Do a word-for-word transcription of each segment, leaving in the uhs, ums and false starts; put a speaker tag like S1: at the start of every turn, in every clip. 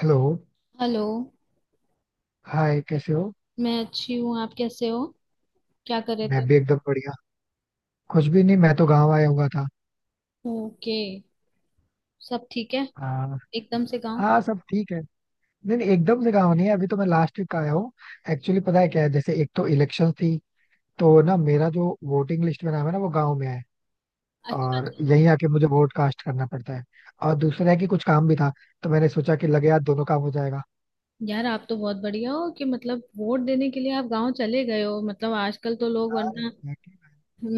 S1: Hello.
S2: Hello.
S1: Hi, कैसे हो?
S2: मैं अच्छी हूँ। आप कैसे हो? क्या कर रहे
S1: मैं
S2: थे?
S1: भी एकदम बढ़िया। कुछ भी नहीं, मैं तो गांव आया हुआ था।
S2: ओके। सब ठीक है।
S1: हाँ।
S2: एकदम से गांव?
S1: हाँ, सब ठीक है। नहीं नहीं, एकदम से गांव नहीं है, अभी तो मैं लास्ट वीक आया हूँ। एक्चुअली, पता है क्या है, जैसे एक तो इलेक्शन थी, तो ना मेरा जो वोटिंग लिस्ट में नाम है ना, वो गांव में है, और
S2: अच्छा।
S1: यहीं आके मुझे वोट कास्ट करना पड़ता है। और दूसरा है कि कुछ काम भी था, तो मैंने सोचा कि लगे यार, दोनों काम हो जाएगा।
S2: यार आप तो बहुत बढ़िया हो कि मतलब वोट देने के लिए आप गांव चले गए हो। मतलब आजकल तो लोग
S1: यार,
S2: वरना
S1: exactly।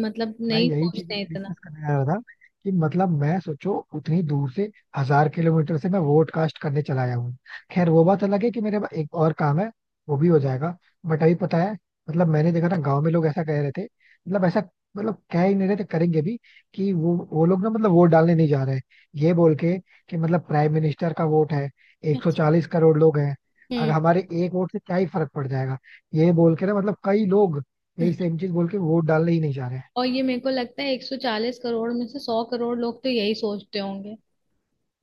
S2: मतलब
S1: मैं
S2: नहीं
S1: यही चीज
S2: सोचते
S1: इसे
S2: इतना।
S1: डिस्कस करने जा रहा था कि मतलब मैं, सोचो, उतनी दूर से, हजार किलोमीटर से मैं वोट कास्ट करने चला आया हूँ। खैर वो बात अलग है कि मेरे पास एक और काम है, वो भी हो जाएगा। बट अभी पता है, मतलब मैंने देखा ना, गांव में लोग ऐसा कह रहे थे, मतलब ऐसा, मतलब कह ही नहीं रहे थे, करेंगे भी, कि वो वो लोग ना, मतलब वोट डालने नहीं जा रहे हैं, ये बोल के कि मतलब प्राइम मिनिस्टर का वोट है,
S2: अच्छा।
S1: एक सौ चालीस करोड़ लोग हैं, अगर
S2: हम्म।
S1: हमारे एक वोट से क्या ही फर्क पड़ जाएगा। ये बोल के ना, मतलब कई लोग यही सेम चीज बोल के वोट डालने ही नहीं जा रहे।
S2: और ये मेरे को लगता है एक सौ चालीस करोड़ में से एक सौ करोड़ लोग तो यही सोचते होंगे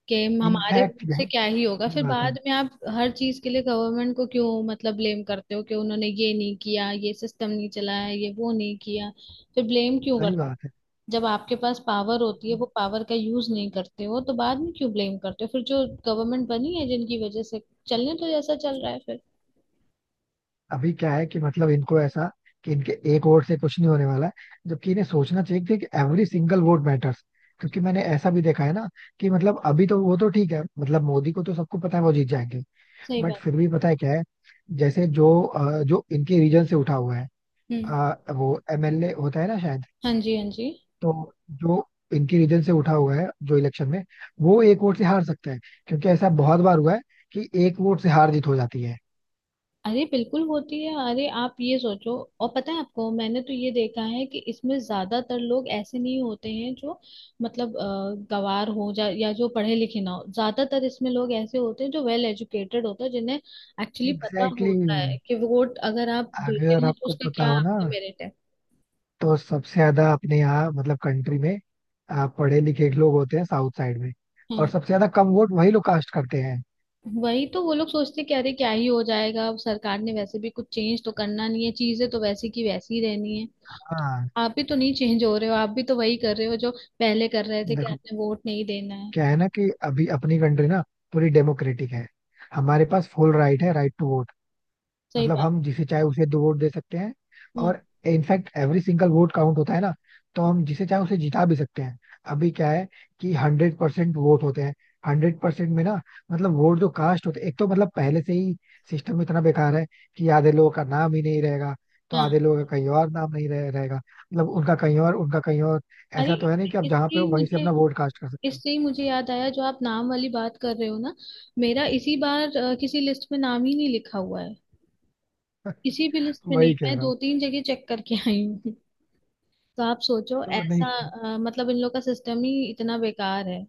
S2: कि हमारे
S1: इनफैक्ट
S2: खुद
S1: यार,
S2: से क्या ही होगा।
S1: सही
S2: फिर
S1: बात है।
S2: बाद में आप हर चीज के लिए गवर्नमेंट को क्यों मतलब ब्लेम करते हो कि उन्होंने ये नहीं किया, ये सिस्टम नहीं चलाया, ये वो नहीं किया। फिर ब्लेम क्यों
S1: सही
S2: करते।
S1: बात है।
S2: जब आपके पास पावर होती है वो पावर का यूज नहीं करते हो तो बाद में क्यों ब्लेम करते हो? फिर जो गवर्नमेंट बनी है जिनकी वजह से चलने तो जैसा चल रहा है फिर।
S1: अभी क्या है कि मतलब इनको ऐसा, कि इनके एक वोट से कुछ नहीं होने वाला है, जबकि इन्हें सोचना चाहिए कि एवरी सिंगल वोट मैटर्स। क्योंकि मैंने ऐसा भी देखा है ना, कि मतलब अभी तो वो तो ठीक है, मतलब मोदी को तो सबको पता है वो जीत जाएंगे,
S2: सही
S1: बट
S2: बात।
S1: फिर भी पता है क्या है, जैसे जो अ, जो इनके रीजन से उठा हुआ है,
S2: हम्म।
S1: अ, वो एमएलए होता है ना शायद,
S2: हाँ जी, हाँ जी।
S1: तो जो इनके रीजन से उठा हुआ है जो इलेक्शन में, वो एक वोट से हार सकता है, क्योंकि ऐसा बहुत बार हुआ है कि एक वोट से हार जीत हो जाती है।
S2: अरे बिल्कुल होती है। अरे आप ये सोचो। और पता है आपको, मैंने तो ये देखा है कि इसमें ज्यादातर लोग ऐसे नहीं होते हैं जो मतलब अ, गवार हो जा या जो पढ़े लिखे ना हो। ज्यादातर इसमें लोग ऐसे होते हैं जो वेल एजुकेटेड होते हैं जिन्हें एक्चुअली पता
S1: एग्जैक्टली
S2: होता है
S1: exactly।
S2: कि वोट अगर आप देते
S1: अगर
S2: हो तो
S1: आपको
S2: उसका
S1: पता
S2: क्या
S1: हो ना,
S2: आपका मेरिट है।
S1: तो सबसे ज्यादा अपने यहाँ मतलब कंट्री में आ, पढ़े लिखे लोग होते हैं साउथ साइड में, और
S2: हाँ,
S1: सबसे ज्यादा कम वोट वही लोग कास्ट करते हैं।
S2: वही तो, वो लोग सोचते कि अरे क्या ही हो जाएगा, अब सरकार ने वैसे भी कुछ चेंज तो करना नहीं है, चीजें तो वैसी की वैसी ही रहनी है।
S1: हाँ।
S2: आप भी तो नहीं चेंज हो रहे हो, आप भी तो वही कर रहे हो जो पहले कर रहे थे कि
S1: देखो,
S2: आपने वोट नहीं देना है।
S1: क्या है ना कि अभी अपनी कंट्री ना पूरी डेमोक्रेटिक है, हमारे पास फुल राइट है, राइट टू वोट।
S2: सही
S1: मतलब
S2: बात।
S1: हम जिसे चाहे उसे दो वोट दे सकते हैं,
S2: हम्म।
S1: और in fact every single vote count होता है ना, तो हम जिसे चाहे उसे जिता भी सकते हैं। अभी क्या है कि हंड्रेड परसेंट वोट होते हैं। हंड्रेड परसेंट में ना, मतलब वोट जो कास्ट होते हैं, एक तो मतलब पहले से ही सिस्टम इतना बेकार है कि आधे लोगों का नाम ही नहीं रहेगा, तो
S2: हाँ।
S1: आधे लोगों का कहीं और नाम नहीं रहे, रहेगा, मतलब उनका कहीं और, उनका कहीं और।
S2: अरे
S1: ऐसा तो है नहीं कि आप
S2: इससे
S1: जहाँ
S2: इससे
S1: पे
S2: ही
S1: हो वहीं से
S2: मुझे
S1: अपना वोट कास्ट कर सकते हो।
S2: इससे ही मुझे याद आया जो आप नाम वाली बात कर रहे हो ना। मेरा इसी बार अ, किसी लिस्ट में नाम ही नहीं लिखा हुआ है। किसी भी लिस्ट में नहीं।
S1: वही कह
S2: मैं
S1: रहा हूँ।
S2: दो तीन जगह चेक करके आई हूँ। तो आप सोचो
S1: तो नहीं।
S2: ऐसा, अ, मतलब इन लोग का सिस्टम ही इतना बेकार है।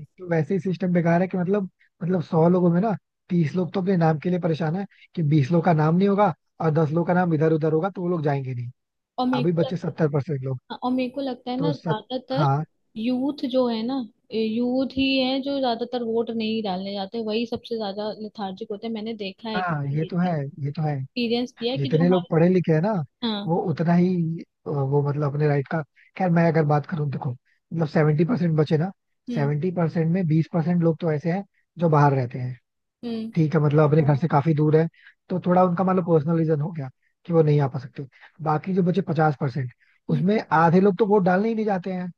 S1: एक तो वैसे ही सिस्टम बेकार है कि मतलब, मतलब सौ लोगों में ना, तीस लोग तो अपने नाम के लिए परेशान है कि बीस लोग का नाम नहीं होगा और दस लोग का नाम इधर उधर होगा, तो वो लोग जाएंगे नहीं।
S2: और मेरे
S1: अभी
S2: को
S1: बच्चे सत्तर परसेंट लोग।
S2: हाँ, और मेरे को लगता है
S1: तो
S2: ना
S1: सत
S2: ज्यादातर
S1: हाँ।
S2: यूथ जो है ना, यूथ ही है जो ज्यादातर वोट नहीं डालने जाते, वही सबसे ज्यादा लेथार्जिक होते हैं। मैंने देखा है,
S1: हाँ, ये तो है।
S2: एक्सपीरियंस
S1: ये तो है।
S2: किया है कि जो
S1: जितने लोग
S2: हमारे।
S1: पढ़े लिखे हैं ना,
S2: हाँ।
S1: वो उतना ही, अ, वो मतलब अपने राइट का। खैर मैं अगर बात करूँ, देखो मतलब सेवेंटी परसेंट बचे ना।
S2: हम्म।
S1: सेवेंटी परसेंट में बीस परसेंट लोग तो ऐसे हैं जो बाहर रहते हैं,
S2: हम्म।
S1: ठीक है, मतलब अपने घर से काफी दूर है, तो थोड़ा उनका मतलब पर्सनल रीजन हो गया कि वो नहीं आ पा सकते। बाकी जो बचे पचास परसेंट,
S2: हम्म।
S1: उसमें आधे लोग तो वोट डालने ही नहीं जाते हैं।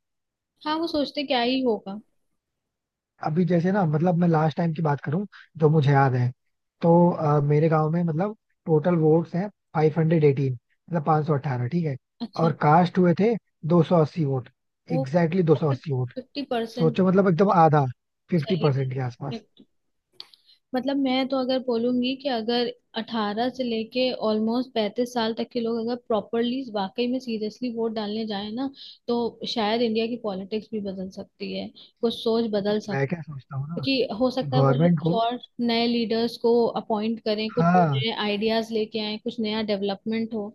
S2: हाँ, वो सोचते क्या ही होगा।
S1: अभी जैसे ना, मतलब मैं लास्ट टाइम की बात करूं, जो मुझे याद है, तो अ, मेरे गांव में मतलब टोटल वोट्स हैं फाइव हंड्रेड एटीन, मतलब पाँच सौ अठारह, ठीक है।
S2: अच्छा।
S1: और कास्ट हुए थे दो सौ अस्सी वोट।
S2: वो
S1: एग्जैक्टली दो सौ अस्सी वोट।
S2: Fifty percent.
S1: सोचो, मतलब एकदम आधा, फिफ्टी
S2: सही
S1: परसेंट के
S2: है।
S1: आसपास।
S2: मतलब मैं तो अगर बोलूंगी कि अगर अठारह से लेके ऑलमोस्ट पैंतीस साल तक के लोग अगर प्रॉपरली वाकई में सीरियसली वोट डालने जाए ना, तो शायद इंडिया की पॉलिटिक्स भी बदल सकती है, कुछ सोच बदल
S1: मैं क्या
S2: सकती
S1: सोचता हूँ ना,
S2: कि हो
S1: कि
S2: सकता है वो लोग
S1: गवर्नमेंट
S2: कुछ
S1: को।
S2: और नए लीडर्स को अपॉइंट करें, कुछ
S1: हाँ,
S2: नए आइडियाज लेके आए, कुछ नया डेवलपमेंट हो।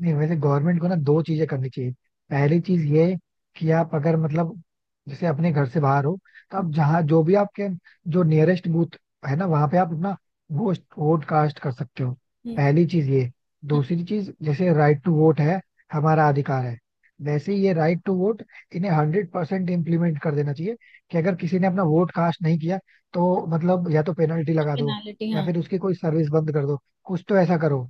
S1: नहीं वैसे गवर्नमेंट को ना दो चीजें करनी चाहिए। पहली चीज ये, कि आप अगर मतलब जैसे अपने घर से बाहर हो, तो आप जहाँ, जो भी आपके जो नियरेस्ट बूथ है ना, वहां पे आप अपना वोट वोट कास्ट कर सकते हो।
S2: हम्म।
S1: पहली चीज ये।
S2: हम्म।
S1: दूसरी चीज, जैसे राइट टू वोट है, हमारा अधिकार है, वैसे ही ये राइट टू वोट इन्हें हंड्रेड परसेंट इम्प्लीमेंट कर देना चाहिए, कि अगर किसी ने अपना वोट कास्ट नहीं किया तो मतलब या तो पेनल्टी
S2: कुछ
S1: लगा दो,
S2: पेनालिटी।
S1: या
S2: हाँ।
S1: फिर उसकी कोई सर्विस बंद कर दो, कुछ तो ऐसा करो।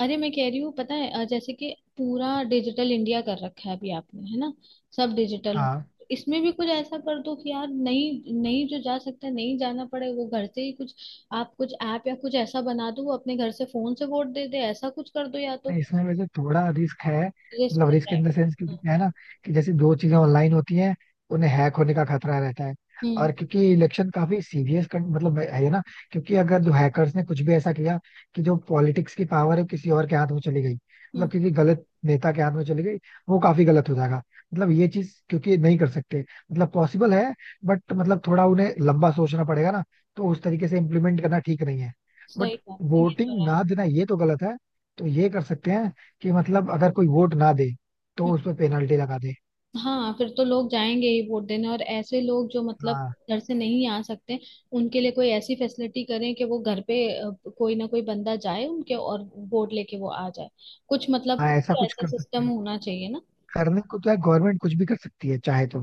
S2: अरे मैं कह रही हूँ, पता है अ, जैसे कि पूरा डिजिटल इंडिया कर रखा है अभी आपने, है ना? सब डिजिटल हो।
S1: हाँ,
S2: इसमें भी कुछ ऐसा कर दो कि यार नहीं नहीं, जो जा सकता है, नहीं जाना पड़े वो घर से ही कुछ। आप कुछ ऐप या कुछ ऐसा बना दो, वो अपने घर से फोन से वोट दे दे, ऐसा कुछ कर दो या तो।
S1: नहीं, इसमें वैसे थोड़ा रिस्क है,
S2: रिस्क
S1: मतलब
S2: कर
S1: रिस्क
S2: रहा है।
S1: इन द सेंस, क्योंकि क्या है ना, कि जैसे दो चीजें ऑनलाइन होती हैं, उन्हें हैक होने का खतरा रहता है।
S2: हम्म।
S1: और क्योंकि इलेक्शन काफी सीरियस, मतलब, है ना, क्योंकि अगर जो हैकर्स ने कुछ भी ऐसा किया कि जो पॉलिटिक्स की पावर है वो किसी और के हाथ में चली गई,
S2: हम्म।
S1: मतलब किसी गलत नेता के हाथ में चली गई, वो काफी गलत हो जाएगा। मतलब ये चीज क्योंकि नहीं कर सकते, मतलब पॉसिबल है, बट मतलब थोड़ा उन्हें लंबा सोचना पड़ेगा ना, तो उस तरीके से इम्प्लीमेंट करना ठीक नहीं है।
S2: सही
S1: बट
S2: बात है, ये तो
S1: वोटिंग
S2: है।
S1: ना देना, ये तो गलत है। तो ये कर सकते हैं कि मतलब अगर कोई वोट ना दे, तो उस पर पेनल्टी लगा दे।
S2: हाँ, फिर तो लोग जाएंगे ही वोट देने। और ऐसे लोग जो मतलब
S1: हाँ
S2: घर से नहीं आ सकते, उनके लिए कोई ऐसी फैसिलिटी करें कि वो घर पे, अ, कोई ना कोई बंदा जाए उनके, और वोट लेके वो आ जाए। कुछ मतलब
S1: हाँ,
S2: कुछ
S1: ऐसा
S2: तो
S1: कुछ
S2: ऐसा
S1: कर सकते
S2: सिस्टम
S1: हैं।
S2: होना चाहिए ना।
S1: करने को तो है, गवर्नमेंट कुछ भी कर सकती है चाहे तो,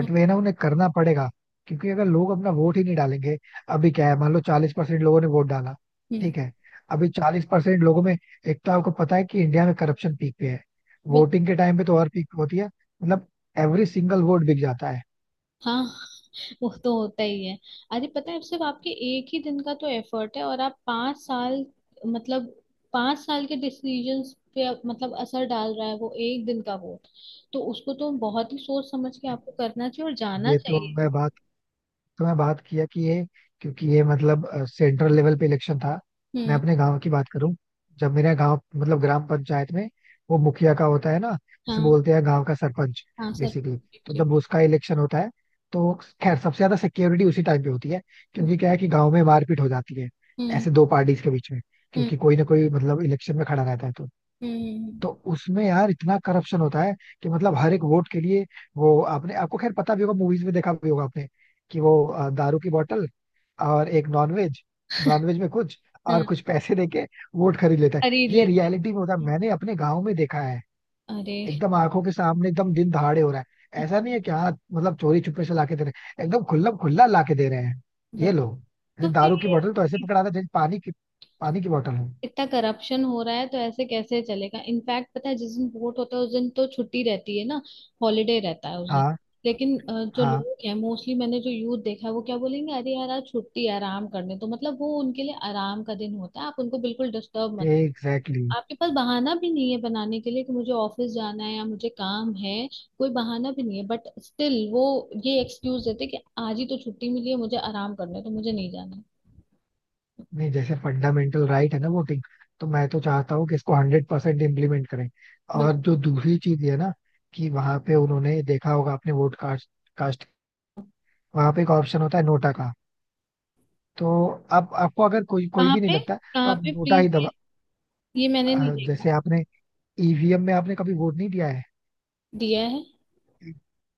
S2: हम्म।
S1: वे ना, उन्हें करना पड़ेगा। क्योंकि अगर लोग अपना वोट ही नहीं डालेंगे। अभी क्या है, मान लो चालीस परसेंट लोगों ने वोट डाला,
S2: हम्म।
S1: ठीक है। अभी चालीस परसेंट लोगों में, एक तो आपको पता है कि इंडिया में करप्शन पीक पे है,
S2: बिल-
S1: वोटिंग के टाइम पे तो और पीक होती है, मतलब एवरी सिंगल वोट बिक जाता है।
S2: हाँ, वो तो होता ही है। अरे पता है, सिर्फ आपके एक ही दिन का तो एफर्ट है और आप पांच साल, मतलब पांच साल के डिसीजंस पे आप- मतलब असर डाल रहा है वो एक दिन का वोट। तो उसको तो बहुत ही सोच समझ के आपको करना चाहिए और जाना
S1: ये तो
S2: चाहिए।
S1: मैं बात तो मैं बात किया कि ये, क्योंकि ये मतलब सेंट्रल लेवल पे इलेक्शन था। मैं
S2: हम्म।
S1: अपने गांव की बात करूं, जब मेरा गांव, मतलब ग्राम पंचायत में, वो मुखिया का होता है ना, जिसे
S2: हाँ,
S1: बोलते हैं गांव का सरपंच,
S2: हाँ सर।
S1: बेसिकली। तो
S2: ठीक।
S1: जब उसका इलेक्शन होता है, तो खैर सबसे ज्यादा सिक्योरिटी उसी टाइम पे होती है,
S2: हम्म।
S1: क्योंकि क्या है कि गांव में मारपीट हो जाती है,
S2: हम्म।
S1: ऐसे दो पार्टीज के बीच में,
S2: हम्म।
S1: क्योंकि कोई ना कोई मतलब इलेक्शन में खड़ा रहता है। तो
S2: हम्म।
S1: तो उसमें यार इतना करप्शन होता है कि मतलब हर एक वोट के लिए, वो आपने, आपको खैर पता भी होगा, मूवीज में देखा भी होगा आपने, कि वो अ, दारू की बोतल और एक नॉनवेज, नॉनवेज में कुछ,
S2: हम्म।
S1: और
S2: हाँ,
S1: कुछ पैसे देके वोट खरीद लेता है।
S2: खरीद
S1: ये
S2: लेते
S1: रियलिटी में होता है,
S2: हैं।
S1: मैंने अपने गांव में देखा है,
S2: अरे
S1: एकदम आंखों के सामने, एकदम दिन दहाड़े हो रहा है। ऐसा नहीं है कि हाँ मतलब चोरी छुपे से लाके दे रहे हैं, एकदम खुला खुला लाके दे रहे हैं ये
S2: बत,
S1: लोग।
S2: तो
S1: जैसे
S2: फिर
S1: दारू की
S2: ये
S1: बोतल तो ऐसे पकड़ा था जैसे पानी की, पानी की बोतल हो।
S2: इतना करप्शन हो रहा है, तो ऐसे कैसे चलेगा? इनफैक्ट पता है, जिस दिन वोट होता है उस दिन तो छुट्टी रहती है ना, हॉलीडे रहता है उस दिन।
S1: हाँ
S2: लेकिन अ, जो
S1: हाँ
S2: लोग हैं मोस्टली, मैंने जो यूथ देखा है, वो क्या बोलेंगे, अरे यार आज छुट्टी है, आराम करने। तो मतलब वो उनके लिए आराम का दिन होता है, आप उनको बिल्कुल डिस्टर्ब मत।
S1: एग्जैक्टली।
S2: आपके पास बहाना भी नहीं है बनाने के लिए कि मुझे ऑफिस जाना है या मुझे काम है। कोई बहाना भी नहीं है, बट स्टिल वो ये एक्सक्यूज देते कि आज ही तो छुट्टी मिली है, मुझे आराम करना है, तो मुझे नहीं जाना है।
S1: नहीं, जैसे फंडामेंटल राइट है ना वोटिंग, तो मैं तो चाहता हूँ कि इसको हंड्रेड परसेंट इम्प्लीमेंट करें। और
S2: बिल्कुल।
S1: जो दूसरी चीज है ना, कि वहां पे, उन्होंने देखा होगा आपने, वोट कास्ट कास्ट, वहां पे एक ऑप्शन होता है नोटा का। तो आप आपको अगर कोई कोई
S2: कहाँ
S1: भी नहीं
S2: पे,
S1: लगता, तो
S2: कहाँ
S1: आप
S2: पे
S1: नोटा ही दबा।
S2: प्लीज? ये मैंने नहीं
S1: अ,
S2: देखा।
S1: जैसे आपने ईवीएम में आपने कभी वोट नहीं दिया है,
S2: दिया है।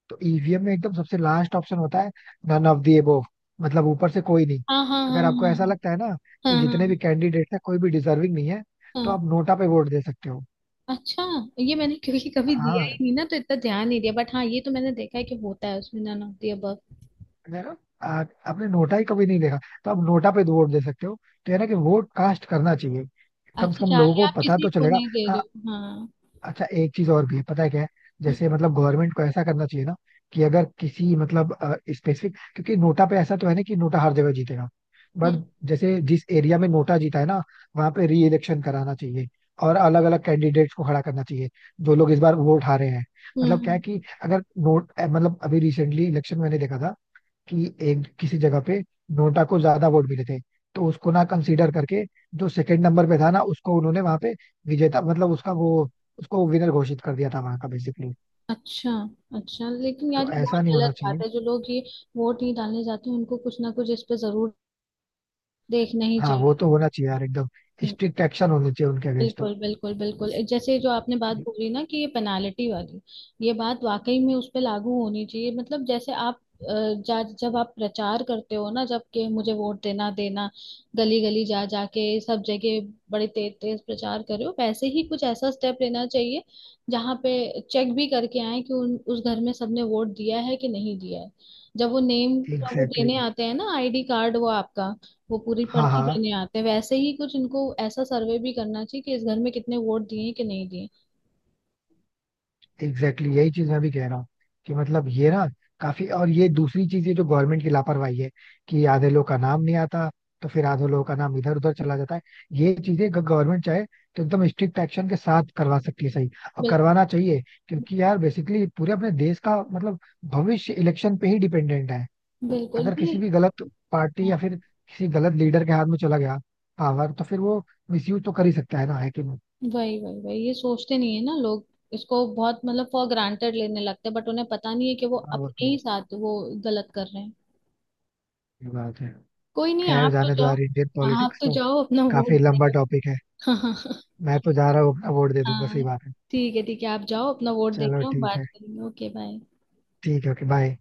S1: तो ईवीएम में एकदम सबसे लास्ट ऑप्शन होता है, नन ऑफ दी एबोव, मतलब ऊपर से कोई नहीं।
S2: हाँ, हाँ,
S1: अगर आपको ऐसा
S2: हाँ,
S1: लगता है ना
S2: हाँ,
S1: कि
S2: हाँ। हाँ, हाँ,
S1: जितने भी
S2: हाँ,
S1: कैंडिडेट है कोई भी डिजर्विंग नहीं है,
S2: हाँ।
S1: तो
S2: हाँ।
S1: आप नोटा पे वोट दे सकते हो।
S2: अच्छा, ये मैंने क्योंकि कभी दिया
S1: हाँ,
S2: ही नहीं ना तो इतना ध्यान नहीं दिया, बट हाँ, ये तो मैंने देखा है कि होता है उसमें, नन ऑफ द अबव।
S1: देखा? आ- आपने नोटा ही कभी नहीं देखा, तो आप नोटा पे वोट दे सकते हो। तो है ना कि वोट कास्ट करना चाहिए, कम से
S2: अच्छा,
S1: कम लोगों
S2: चाहे
S1: को
S2: आप
S1: पता
S2: किसी
S1: तो
S2: को
S1: चलेगा।
S2: नहीं दे रहे
S1: हाँ।
S2: हो। हाँ।
S1: अच्छा, एक चीज और भी है, पता है क्या है,
S2: हम्म।
S1: जैसे मतलब गवर्नमेंट को ऐसा करना चाहिए ना, कि अगर किसी मतलब स्पेसिफिक, क्योंकि नोटा पे ऐसा तो है ना कि नोटा हर जगह जीतेगा,
S2: हम्म।
S1: बट जैसे जिस एरिया में नोटा जीता है ना, वहां पे री इलेक्शन कराना चाहिए, और अलग अलग कैंडिडेट्स को खड़ा करना चाहिए, जो लोग इस बार वोट हारे हैं।
S2: हम्म।
S1: मतलब क्या है
S2: हम्म।
S1: कि अगर नोट अ, मतलब अभी रिसेंटली इलेक्शन मैंने देखा था, कि एक किसी जगह पे नोटा को ज्यादा वोट मिले थे, तो उसको ना कंसीडर करके जो सेकंड नंबर पे था ना, उसको उन्होंने वहां पे विजेता, मतलब उसका वो, उसको विनर घोषित कर दिया था वहां का बेसिकली।
S2: अच्छा। अच्छा लेकिन यार,
S1: तो
S2: ये
S1: ऐसा
S2: बहुत
S1: नहीं होना
S2: गलत बात
S1: चाहिए।
S2: है। जो लोग ये वोट नहीं डालने जाते हैं, उनको कुछ ना कुछ इस पे जरूर देखना ही
S1: हाँ वो
S2: चाहिए।
S1: तो होना चाहिए यार, एकदम स्ट्रिक्ट एक्शन होने चाहिए उनके अगेंस्ट
S2: बिल्कुल,
S1: तो।
S2: बिल्कुल, बिल्कुल। ए, जैसे जो आपने बात बोली ना कि ये पेनाल्टी वाली, ये बात वाकई में उस पे लागू होनी चाहिए। मतलब जैसे आप अ, जा जब आप प्रचार करते हो ना, जब के मुझे वोट देना देना, गली गली जा जाके सब जगह, बड़े तेज तेज प्रचार कर रहे हो, वैसे ही कुछ ऐसा स्टेप लेना चाहिए, जहाँ पे चेक भी करके आए कि उन उस घर में सबने वोट दिया है कि नहीं दिया है। जब वो नेम का वो
S1: एग्जैक्टली
S2: देने
S1: exactly।
S2: आते हैं ना, आईडी कार्ड, वो आपका वो पूरी
S1: हाँ
S2: पर्ची
S1: हाँ
S2: देने आते हैं, वैसे ही कुछ इनको ऐसा सर्वे भी करना चाहिए कि इस घर में कितने वोट दिए कि नहीं दिए।
S1: एग्जैक्टली exactly, यही चीज मैं भी कह रहा हूँ, कि मतलब ये ना काफी, और ये दूसरी चीज, ये जो गवर्नमेंट की लापरवाही है, कि आधे लोग का नाम नहीं आता, तो फिर आधे लोगों का नाम इधर उधर चला जाता है। ये चीजें गवर्नमेंट चाहे तो एकदम स्ट्रिक्ट एक्शन के साथ करवा सकती है, सही, और
S2: बिल,
S1: करवाना चाहिए। क्योंकि यार बेसिकली पूरे अपने देश का मतलब भविष्य इलेक्शन पे ही डिपेंडेंट है।
S2: बिल्कुल
S1: अगर
S2: भी।
S1: किसी भी गलत पार्टी
S2: हाँ,
S1: या फिर किसी गलत लीडर के हाथ में चला गया पावर, तो फिर वो मिसयूज तो कर ही सकता है ना, है कि नहीं।
S2: वही वही वही ये सोचते नहीं है ना लोग। इसको बहुत मतलब फॉर ग्रांटेड लेने लगते हैं, बट उन्हें पता नहीं है कि वो
S1: हाँ, वो
S2: अपने
S1: तो
S2: ही
S1: है।
S2: साथ वो गलत कर रहे हैं।
S1: ये बात है।
S2: कोई नहीं,
S1: खैर
S2: आप तो
S1: जाने दो
S2: जाओ।
S1: यार, इंडियन
S2: आप
S1: पॉलिटिक्स
S2: तो
S1: तो
S2: जाओ अपना वोट
S1: काफी
S2: दे
S1: लंबा टॉपिक है।
S2: दो।
S1: मैं तो जा रहा हूँ, अपना वोट दे दूंगा, सही
S2: हाँ,
S1: बात है।
S2: ठीक है, ठीक है, आप जाओ अपना वोट दे
S1: चलो
S2: के हम
S1: ठीक
S2: बात
S1: है।
S2: करेंगे। Okay bye.
S1: ठीक है, ओके, बाय।